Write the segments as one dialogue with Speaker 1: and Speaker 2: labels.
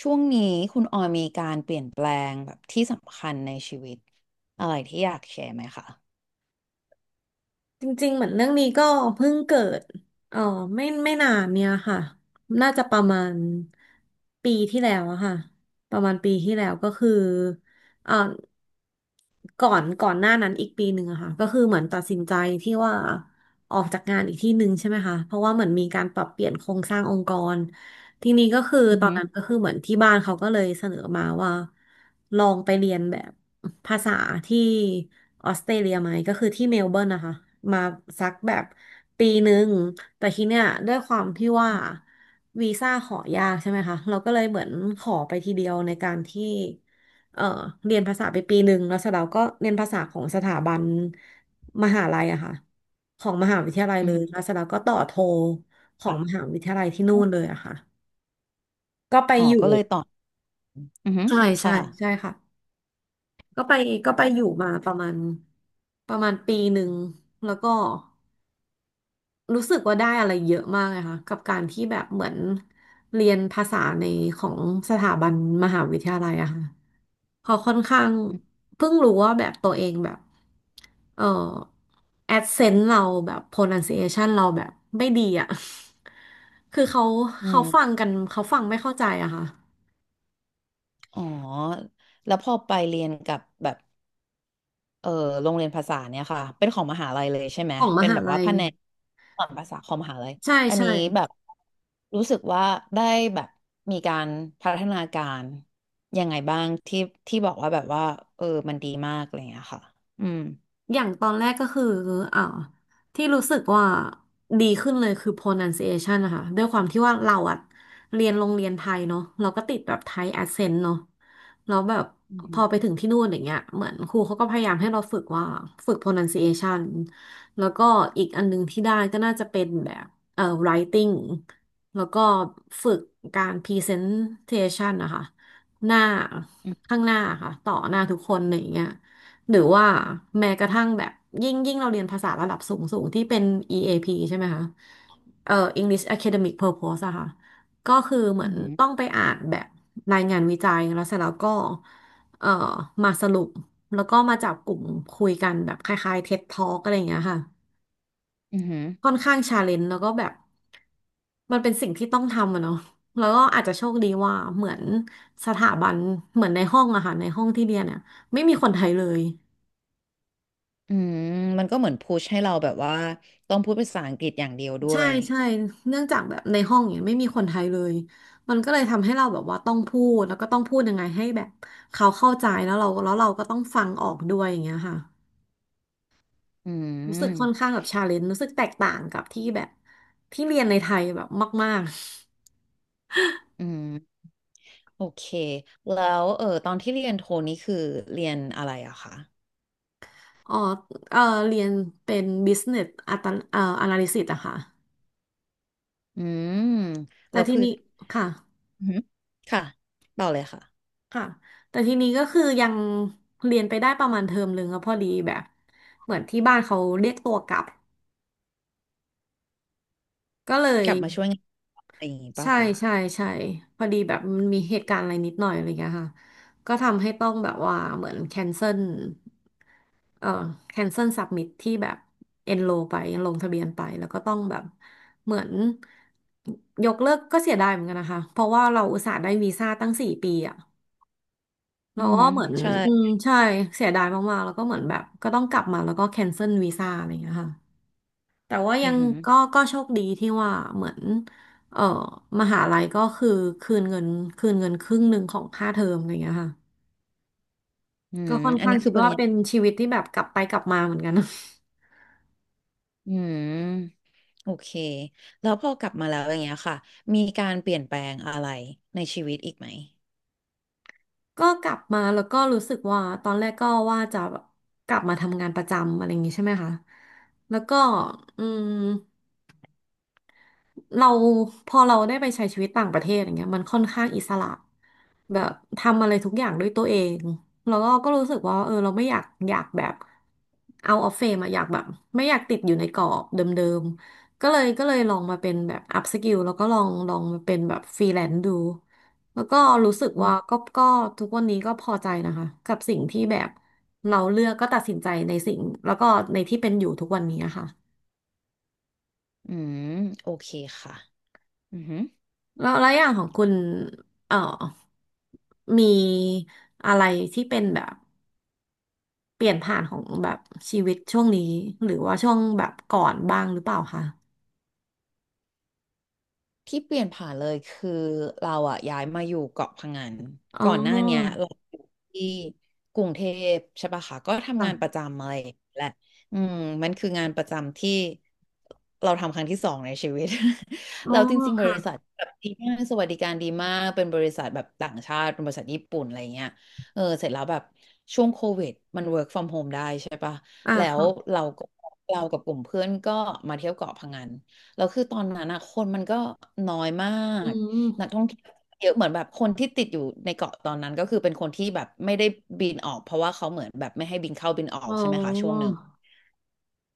Speaker 1: ช่วงนี้คุณออยมีการเปลี่ยนแปลงแบบที่สำคัญในชีวิตอะไรที่อยากแชร์ไหมคะ
Speaker 2: จริงๆ เหมือนเรื่องนี้ก็เพิ่งเกิดเออไม่นานเนี่ยค่ะน่าจะประมาณปีที่แล้วอะค่ะประมาณปีที่แล้วก็คือเออก่อนหน้านั้นอีกปีหนึ่งอะค่ะก็คือเหมือนตัดสินใจที่ว่าออกจากงานอีกที่หนึ่งใช่ไหมคะเพราะว่าเหมือนมีการปรับเปลี่ยนโครงสร้างองค์กรทีนี้ก็คือ
Speaker 1: อือ
Speaker 2: ตอน
Speaker 1: ฮึ
Speaker 2: นั้นก็คือเหมือนที่บ้านเขาก็เลยเสนอมาว่าลองไปเรียนแบบ ภาษาที่ออสเตรเลียไหมก็คือที่เมลเบิร์นนะคะมาสักแบบปีหนึ่งแต่ทีเนี้ยด้วยความที่ว่าวีซ่าขอยากใช่ไหมคะเราก็เลยเหมือนขอไปทีเดียวในการที่เอ่อเรียนภาษาไปปีหนึ่งแล้วเสร็จแล้วก็เรียนภาษาของสถาบันมหาลัยอะค่ะของมหาวิทยาลัย
Speaker 1: อื
Speaker 2: เล
Speaker 1: อฮึ
Speaker 2: ยแล้วเสร็จแล้วก็ต่อโทของม
Speaker 1: ค่ะ
Speaker 2: หาวิทยาลัยที่นู่นเลยอะค่ะก็ไป
Speaker 1: อ๋อ
Speaker 2: อยู่
Speaker 1: ก็เลยตอบอือหึ
Speaker 2: ใช่ใช่
Speaker 1: ค่ะ
Speaker 2: ใช่ค่ะ ก็ไปก็ไปอยู่มาประมาณประมาณปีหนึ่งแล้วก็รู้สึกว่าได้อะไรเยอะมากเลยค่ะกับการที่แบบเหมือนเรียนภาษาในของสถาบันมหาวิทยาลัยอะค่ะพอค่อนข้างเพิ่งรู้ว่าแบบตัวเองแบบเออแอดเซนต์เราแบบ pronunciation เราแบบไม่ดีอะ คือ
Speaker 1: อื
Speaker 2: เขาฟัง
Speaker 1: ม
Speaker 2: กันเขาฟังไม่เข้าใจอะค่ะ
Speaker 1: อ๋อ แล้วพอไปเรียนกับแบบเออโรงเรียนภาษาเนี่ยค่ะ เป็นของมหาลัยเลยใช่ไหม
Speaker 2: ของม
Speaker 1: เป็น
Speaker 2: หา
Speaker 1: แบบว่า
Speaker 2: ลัย
Speaker 1: แผนกสอนภาษาของมหาลัย
Speaker 2: ใช่
Speaker 1: อัน
Speaker 2: ใช่
Speaker 1: นี้แบบรู้สึกว่าได้แบบมีการพัฒนาการยังไงบ้างที่ที่บอกว่าแบบว่าเออมันดีมากอะไรอย่างเงี้ยค่ะอืม
Speaker 2: อย่างตอนแรกก็คืออ่าที่รู้สึกว่าดีขึ้นเลยคือ pronunciation นะคะ ด้วยความที่ว่าเราอะเรียนโรงเรียนไทยเนาะเราก็ติดแบบไทย accent เนาะแล้วแบบ
Speaker 1: อื
Speaker 2: พอ
Speaker 1: ม
Speaker 2: ไปถึงที่นู่นอย่างเงี้ยเหมือนครูเขาก็พยายามให้เราฝึกว่าฝึก pronunciation แล้วก็อีกอันนึงที่ได้ก็น่าจะเป็นแบบwriting แล้วก็ฝึกการ presentation นะคะ หน้า
Speaker 1: อืม
Speaker 2: ข้างหน้าค่ะต่อหน้าทุกคนอะไรอย่างเงี้ย หรือว่าแม้กระทั่งแบบยิ่งเราเรียนภาษาระดับสูงที่เป็น EAP ใช่ไหมคะเอ่อ English Academic Purpose อะค่ะก็คือเหมื
Speaker 1: อื
Speaker 2: อน
Speaker 1: ม
Speaker 2: ต้องไปอ่านแบบรายงานวิจัยแล้วเสร็จแล้วก็เอ่อมาสรุปแล้วก็มาจับกลุ่มคุยกันแบบคล้ายๆ TED Talk อะไรอย่างเงี้ยค่ะ
Speaker 1: อื
Speaker 2: ค่อ
Speaker 1: ม
Speaker 2: นข้างชาเลนจ์แล้วก็แบบมันเป็นสิ่งที่ต้องทำอะเนาะแล้วก็อาจจะโชคดีว่าเหมือนสถาบันเหมือนในห้องอะค่ะในห้องที่เรียนเนี่ยไม่มีคนไทยเลย
Speaker 1: อืมมันก็เหมือนพุชให้เราแบบว่าต้องพูดภาษาอังกฤษอย่างเดียวด้
Speaker 2: ใช่
Speaker 1: วย
Speaker 2: ใช่เนื่องจากแบบในห้องเนี่ยไม่มีคนไทยเลย มันก็เลยทำให้เราแบบว่าต้องพูดแล้วก็ต้องพูดยังไงให้แบบเขาเข้าใจแล้วเราก็ต้องฟังออกด้วยอย่างเงี้ยค่ะ
Speaker 1: อื
Speaker 2: รู้สึกค่อนข้า
Speaker 1: ม
Speaker 2: งแบบชาเลนจ์รู้สึกแตกต่างกับที่แบบที่เรียนในไทยแบบมาก
Speaker 1: อืมโอเค แล้วเออตอนที่เรียนโทนี่คือเรียนอะไรอะคะ
Speaker 2: ๆ อ๋อเออเรียนเป็น business อัตanalysis อะค่ะ
Speaker 1: อืมแล้
Speaker 2: แต่
Speaker 1: ว
Speaker 2: ที
Speaker 1: คือ
Speaker 2: นี้ค่ะ
Speaker 1: อืมค่ะต่อเลยค่ะ
Speaker 2: ค่ะแต่ทีนี้ก็คือยังเรียนไปได้ประมาณเทอมหนึ่งแล้วพอดีแบบเหมือนที่บ้านเขาเรียกตัวกลับก็เล
Speaker 1: ก
Speaker 2: ย
Speaker 1: ลับมาช่วยงานอะไรอย่างงี้ป่ะ
Speaker 2: ใช่
Speaker 1: คะ
Speaker 2: ใช่ใช่พอดีแบบมันมีเหตุการณ์อะไรนิดหน่อยอะไรเงี้ยค่ะก็ทำให้ต้องแบบว่าเหมือนแคนเซิลเอ่อแคนเซิลสับมิทที่แบบเอนโรไปลงทะเบียนไปแล้วก็ต้องแบบเหมือนยกเลิกก็เสียดายเหมือนกันนะคะเพราะว่าเราอุตส่าห์ได้วีซ่าตั้งสี่ปีอะ
Speaker 1: อื
Speaker 2: เรา
Speaker 1: ม
Speaker 2: ก็เหมือน
Speaker 1: ใช่
Speaker 2: อืมใช่เสียดายมากๆแล้วก็เหมือนแบบก็ต้องกลับมาแล้วก็แคนเซิลวีซ่าอะไรเงี้ยค่ะ แต่ว่า
Speaker 1: อื
Speaker 2: ยั
Speaker 1: มอ
Speaker 2: ง
Speaker 1: หือ
Speaker 2: ก็โชคดีที่ว่าเหมือนเออมหาลัยก็คือคืนเงินคืนเงินครึ่งหนึ่งของค่าเทอมอะไรอย่างเงี้ยค่ะ
Speaker 1: อืม
Speaker 2: ก็ค่อน
Speaker 1: อัน
Speaker 2: ข้าง
Speaker 1: นี้คื
Speaker 2: คิ
Speaker 1: อ
Speaker 2: ด
Speaker 1: ป
Speaker 2: ว่า
Speaker 1: ริญ
Speaker 2: เป็น
Speaker 1: ญา
Speaker 2: ชีวิตที่แบบกลับไปกลับมาเหมือนกัน
Speaker 1: อืม โอเค แล้วพอกลับมาแล้วอย่างเงี้ยค่ะ มีการเปลี่ยนแปลงอะไรในชีวิตอีกไหม
Speaker 2: ก็กลับมาแล้วก็รู้สึกว่าตอนแรกก็ว่าจะกลับมาทำงานประจำอะไรอย่างงี้ใช่ไหมคะแล้วก็อืมเราพอเราได้ไปใช้ชีวิตต่างประเทศอย่างเงี้ยมันค่อนข้างอิสระ แบบทำอะไรทุกอย่างด้วยตัวเองแล้วก็รู้สึกว่าเออเราไม่อยากแบบเอาออฟเฟมอะอยากแบบไม่อยากติดอยู่ในกรอบเดิมๆก็เลยลองมาเป็นแบบอัพสกิลแล้วก็ลองมาเป็นแบบฟรีแลนซ์ดูแล้วก็รู้สึก
Speaker 1: อื
Speaker 2: ว่า
Speaker 1: ม
Speaker 2: ก็ทุกวันนี้ก็พอใจนะคะกับสิ่งที่แบบเราเลือกก็ตัดสินใจในสิ่งแล้วก็ในที่เป็นอยู่ทุกวันนี้อะค่ะ
Speaker 1: อืมโอเคค่ะอือฮึ
Speaker 2: แล้วอย่างของคุณเอ่อมีอะไรที่เป็นแบบ เปลี่ยนผ่านของแบบชีวิตช่วงนี้หรือว่าช่วงแบบก่อนบ้างหรือเปล่าคะ
Speaker 1: ที่เปลี่ยนผ่านเลยคือเราอะย้ายมาอยู่เกาะพะงัน
Speaker 2: อ๋
Speaker 1: ก่อนหน้าเนี้ย
Speaker 2: อ
Speaker 1: เราอยู่ที่กรุงเทพใช่ปะคะก็ทำ
Speaker 2: ค่ะ
Speaker 1: งานประจำอะไรอย่างเงี้ยแหละอืมมันคืองานประจำที่เราทำครั้งที่สองในชีวิต
Speaker 2: อ๋อ
Speaker 1: เราจริงๆบ
Speaker 2: ค่ะ
Speaker 1: ริษัทแบบดีมากสวัสดิการดีมากเป็นบริษัทแบบต่างชาติเป็นบริษัทญี่ปุ่นอะไรเงี้ยเออเสร็จแล้วแบบช่วงโควิดมัน work from home ได้ใช่ปะ
Speaker 2: อ่า
Speaker 1: แล้ว
Speaker 2: ค่ะ
Speaker 1: เราก็เรากับกลุ่มเพื่อนก็มาเที่ยวเกาะพะงัน แล้วคือตอนนั้นอะคนมันก็น้อยมา
Speaker 2: อื
Speaker 1: กนัก
Speaker 2: ม
Speaker 1: ท่องเที่ยวเยอะเหมือนแบบคนที่ติดอยู่ในเกาะตอนนั้นก็คือเป็นคนที่แบบไม่ได้บินออกเพราะว่าเขาเหมือนแบบไม่ให้บินเข้าบินออ
Speaker 2: อ๋
Speaker 1: ก
Speaker 2: อ
Speaker 1: ใช่ไหมคะช่วงหนึ่ง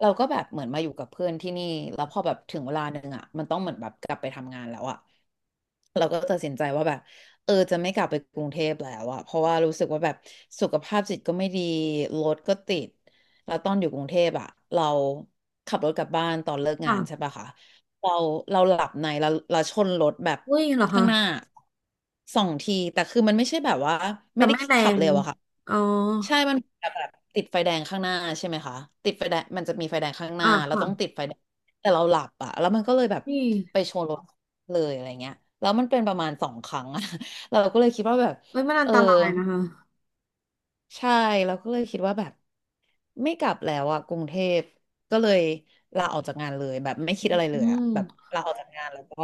Speaker 1: เราก็แบบเหมือนมาอยู่กับเพื่อนที่นี่แล้วพอแบบถึงเวลาหนึ่งอ่ะมันต้องเหมือนแบบกลับไปทำงานแล้วอ่ะเราก็ตัดสินใจว่าแบบเออจะไม่กลับไปกรุงเทพแล้วอ่ะเพราะว่ารู้สึกว่าแบบสุขภาพจิตก็ไม่ดีรถก็ติดแล้วตอนอยู่กรุงเทพอ่ะเราขับรถกลับบ้านตอนเลิกงานใช่
Speaker 2: ค่ะ
Speaker 1: ปะคะเราเราหลับในเราชนรถแบบ
Speaker 2: อุ้ยเหรอคะ
Speaker 1: ข้างหน้าสองทีแต่คือมันไม่ใช่แบบว่า
Speaker 2: แต่
Speaker 1: ไม่ได้
Speaker 2: ไม่แร
Speaker 1: ขับ
Speaker 2: ง
Speaker 1: เร็วอะค่ะ
Speaker 2: อ๋อ
Speaker 1: ใช่มันแบบติดไฟแดงข้างหน้าใช่ไหมคะ ติดไฟแดงมันจะมีไฟแดงข้างหน้า
Speaker 2: อ่า
Speaker 1: เรา
Speaker 2: ค่ะ
Speaker 1: ต้องติดไฟแดงแต่เราหลับอะแล้วมันก็เลยแบบ
Speaker 2: นี่
Speaker 1: ไปชนรถเลยอะไรเงี้ยแล้วมันเป็นประมาณสองครั้งอะ เราก็เลยคิดว่าแบบ
Speaker 2: เอ้ยมันอั
Speaker 1: เอ
Speaker 2: น
Speaker 1: อ
Speaker 2: ตรายนะคะ
Speaker 1: ใช่เราก็เลยคิดว่าแบบ ไม่กลับแล้วอะกรุงเทพก็เลยลาออกจากงานเลยแบบไม่คิด
Speaker 2: อ
Speaker 1: อะไรเล
Speaker 2: ื
Speaker 1: ยอะ
Speaker 2: ม
Speaker 1: แบบลาออกจากงานแล้วก็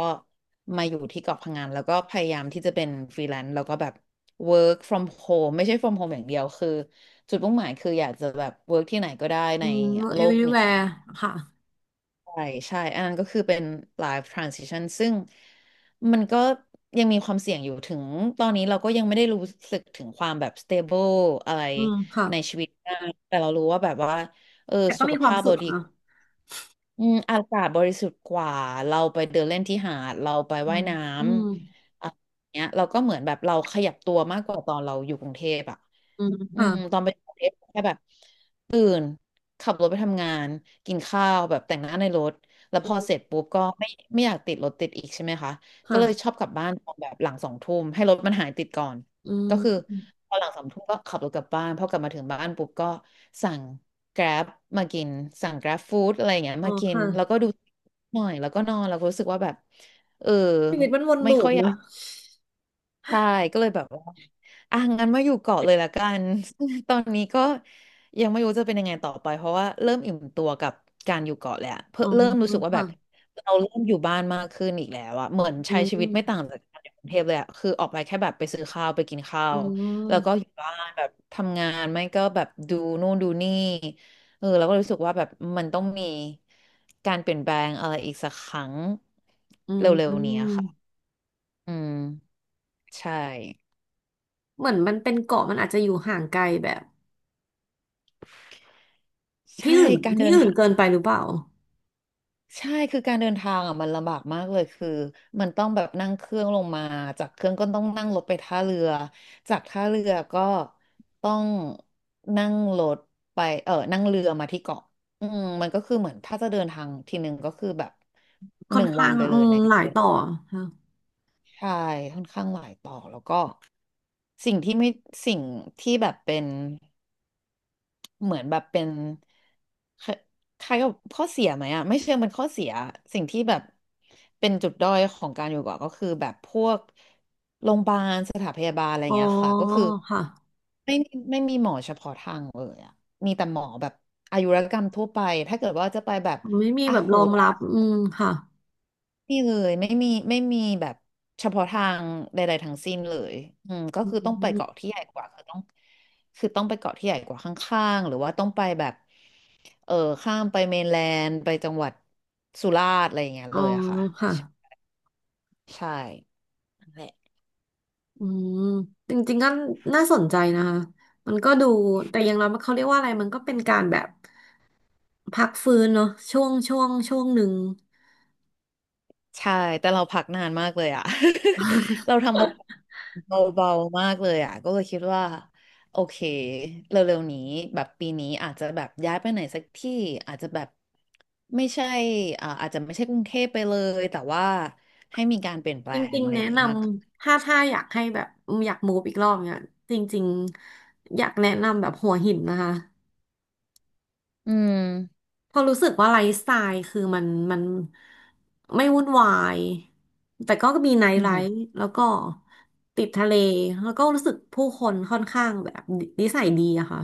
Speaker 1: มาอยู่ที่เกาะพังงานแล้วก็พยายามที่จะเป็นฟรีแลนซ์แล้วก็แบบ work from home ไม่ใช่ from home อย่างเดียวคือจุดมุ่งหมายคืออยากจะแบบ work ที่ไหนก็ได้
Speaker 2: อื
Speaker 1: ใน
Speaker 2: ม
Speaker 1: โลกนี้
Speaker 2: everywhere ค่ะ
Speaker 1: ใช่ใช่ อันนั้นก็คือเป็น live transition ซึ่งมันก็ยังมีความเสี่ยงอยู่ถึงตอนนี้เราก็ยังไม่ได้รู้สึกถึงความแบบ stable อะไร
Speaker 2: อืมค่ะ
Speaker 1: ในชีวิตมากแต่เรารู้ว่าแบบว่าเออ
Speaker 2: แต่ก็
Speaker 1: สุข
Speaker 2: มีความ
Speaker 1: ภาพ
Speaker 2: สุ
Speaker 1: เรา
Speaker 2: ข
Speaker 1: ดี
Speaker 2: นะ
Speaker 1: อืมอากาศบริสุทธิ์กว่า เราไปเดินเล่นที่หาด เราไป
Speaker 2: อื
Speaker 1: ว่าย
Speaker 2: ม
Speaker 1: น้
Speaker 2: อืม
Speaker 1: ำอะไรอย่างเงี้ยเราก็เหมือนแบบเราขยับตัวมากกว่าตอนเราอยู่กรุงเทพอ่ะ
Speaker 2: อืม
Speaker 1: อืม
Speaker 2: ค่ะ
Speaker 1: ตอนไปกรุงเทพแค่แบบ ขับรถไปทำงานกินข้าวแบบแต่งหน้าในรถแล้ว
Speaker 2: อื
Speaker 1: พอ
Speaker 2: ม
Speaker 1: เสร็จปุ๊บก็ไม่อยากติดรถติดอีกใช่ไหมคะก็
Speaker 2: ค่ะ
Speaker 1: เลยชอบกลับบ้านตอนแบบหลังสองทุ่มให้รถมันหายติดก่อน
Speaker 2: อื
Speaker 1: ก็
Speaker 2: ม
Speaker 1: คือพอหลังสองทุ่มก็ขับรถกลับบ้านพอกลับมาถึงบ้านปุ๊บก็สั่ง Grab มากินสั่ง Grab Food อะไรอย่างเงี้ย
Speaker 2: อ๋อ
Speaker 1: มากิน
Speaker 2: ค่ะ
Speaker 1: แล้วก็ดูหน่อยแล้วก็นอนแล้วก็รู้สึกว่าแบบเออ
Speaker 2: ชีวิตมันวน
Speaker 1: ไม่
Speaker 2: ลู
Speaker 1: ค่
Speaker 2: ป
Speaker 1: อยอ
Speaker 2: เน
Speaker 1: ยา
Speaker 2: อะ
Speaker 1: ก ใช่ก็เลยแบบว่าอ่ะงั้นมาอยู่เกาะเลยละกัน ตอนนี้ก็ยังไม่รู้จะเป็นยังไงต่อไปเพราะว่าเริ่มอิ่มตัวกับการอยู่เกาะแหละเพิ่
Speaker 2: อ๋
Speaker 1: ม
Speaker 2: อ
Speaker 1: เริ่มรู้สึกว่าแบ
Speaker 2: ค่ะ
Speaker 1: บเราเริ่มอยู่บ้านมากขึ้นอีกแล้วอะเหมือน
Speaker 2: อื
Speaker 1: ใช้ชีวิตไม่ต่า
Speaker 2: ม
Speaker 1: งจากการอยู่กรุงเทพเลยอะคือออกไปแค่แบบไปซื้อข้าวไปกินข้า
Speaker 2: อื
Speaker 1: วแล้วก็
Speaker 2: ม
Speaker 1: อยู่บ้านแบบทำงานไม่ก็แบบดูนู่นดูนี่เออเราก็รู้สึกว่าแบบมันต้องมีการเปลี่ยนแปลงอะไรอีกสักครั้ง
Speaker 2: อื
Speaker 1: เร็วๆนี้อะค่ะ
Speaker 2: ม
Speaker 1: อืมใช่
Speaker 2: เหมือนมันเป็นเกาะมันอาจจะอยู่ห่างไกลแบบ
Speaker 1: ใช่การเดิ
Speaker 2: ที่
Speaker 1: น
Speaker 2: อื่น
Speaker 1: ทาง
Speaker 2: เกินไปหรือเปล่า
Speaker 1: ใช่คือการเดินทางอ่ะมันลำบากมากเลยคือมันต้องแบบนั่งเครื่องลงมาจากเครื่องก็ต้องนั่งรถไปท่าเรือจากท่าเรือก็ต้องนั่งรถไปเออนั่งเรือมาที่เกาะอืมมันก็คือเหมือนถ้าจะเดินทางทีหนึ่งก็คือแบบ
Speaker 2: ค่
Speaker 1: ห
Speaker 2: อน
Speaker 1: นึ่งวั
Speaker 2: ข้า
Speaker 1: น
Speaker 2: ง
Speaker 1: ไปเล
Speaker 2: อื
Speaker 1: ย
Speaker 2: ม
Speaker 1: นะ
Speaker 2: หลายต่อค่ะ
Speaker 1: ใช่ค่อนข้างหลายต่อแล้วก็สิ่งที่ไม่สิ่งที่แบบเป็น เหมือนแบบเป็นคล้คล้ายกับข้อเสียไหมอ่ะไม่เชิงเป็นข้อเสียสิ่งที่แบบเป็นจุดด้อยของการอยู่เกาะก็คือแบบพวกโรงพยาบาลสถานพยาบาลอะไรอ
Speaker 2: อ๋
Speaker 1: ย่า
Speaker 2: อ
Speaker 1: งเงี้ยค่ะก็คือ
Speaker 2: ค่ะ
Speaker 1: ไม่มีหมอเฉพาะทางเลยอ่ะมีแต่หมอแบบอายุรกรรมทั่วไปถ้าเกิดว่าจะไปแบบ
Speaker 2: ไม่มี
Speaker 1: อ่ะ
Speaker 2: แบบร
Speaker 1: หู
Speaker 2: อง
Speaker 1: ตา
Speaker 2: รับอืมค่ะ
Speaker 1: นี่เลยไม่มีแบบเฉพาะทางใดๆทั้งสิ้นเลยอืมก็
Speaker 2: อื
Speaker 1: คือต้องไปเกาะ
Speaker 2: ม
Speaker 1: ที่ใหญ่กว่าคือต้องไปเกาะที่ใหญ่กว่าข้างๆหรือว่าต้องไปแบบเออข้ามไปเมนแลนด์ไปจังหวัดสุราษฎร์อะไรอย่างเงี้ย
Speaker 2: อ๋
Speaker 1: เล
Speaker 2: อ
Speaker 1: ยอะค่ะ
Speaker 2: ค่ะ
Speaker 1: ใช่นั่ะ
Speaker 2: อืมจริงๆก็น่าสนใจนะคะมันก็ดูแต่อย่างเราเขาเรียกว่าอะไรมันก็เป็นการแบบพักฟื้นเนาะช่วงหนึ่ง
Speaker 1: ใช่แต่เราพักนานมากเลยอ่ะ เราทำอะไรเบาๆมากเลยอ่ะก็เลยคิดว่าโอเคเร็วๆนี้แบบปีนี้อาจจะแบบย้ายไปไหนสักที่อาจจะแบบไม่ใช่อาจจะไม่ใช่กรุงเทพไปเลยแต่ว่าให้มีการเปลี่ยนแปล
Speaker 2: จ
Speaker 1: ง
Speaker 2: ริง
Speaker 1: อะไร
Speaker 2: ๆ
Speaker 1: อ
Speaker 2: แนะ
Speaker 1: ย่าง
Speaker 2: น
Speaker 1: งี้มาก
Speaker 2: ำถ้าอยากให้แบบอยากมูฟอีกรอบเนี่ยจริงๆอยากแนะนำแบบหัวหินนะคะ
Speaker 1: อืม
Speaker 2: เพอราะรู้สึกว่าไลฟ์สไตล์คือมันไม่วุ่นวายแต่ก็มีไนท์
Speaker 1: อื
Speaker 2: ไล
Speaker 1: อหือ
Speaker 2: ฟ์แล้วก็ติดทะเลแล้วก็รู้สึกผู้คนค่อนข้างแบบนิสัยดีอะค่ะ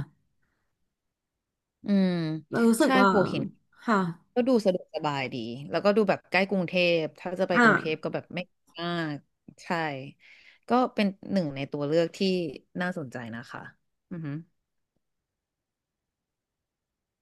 Speaker 1: อืม
Speaker 2: เรารู้สึก
Speaker 1: ใช่
Speaker 2: ว่า
Speaker 1: หัวหิน
Speaker 2: ค่ะ
Speaker 1: ก็ดูสะดวกสบายดี แล้วก็ดูแบบใกล้กรุงเทพ ถ้าจะไป
Speaker 2: อ่ะ
Speaker 1: กรุงเทพก็แบบไม่มากใช่ ก็เป็นหนึ่งในตัวเลือกที่น่าสนใจนะคะอือฮึ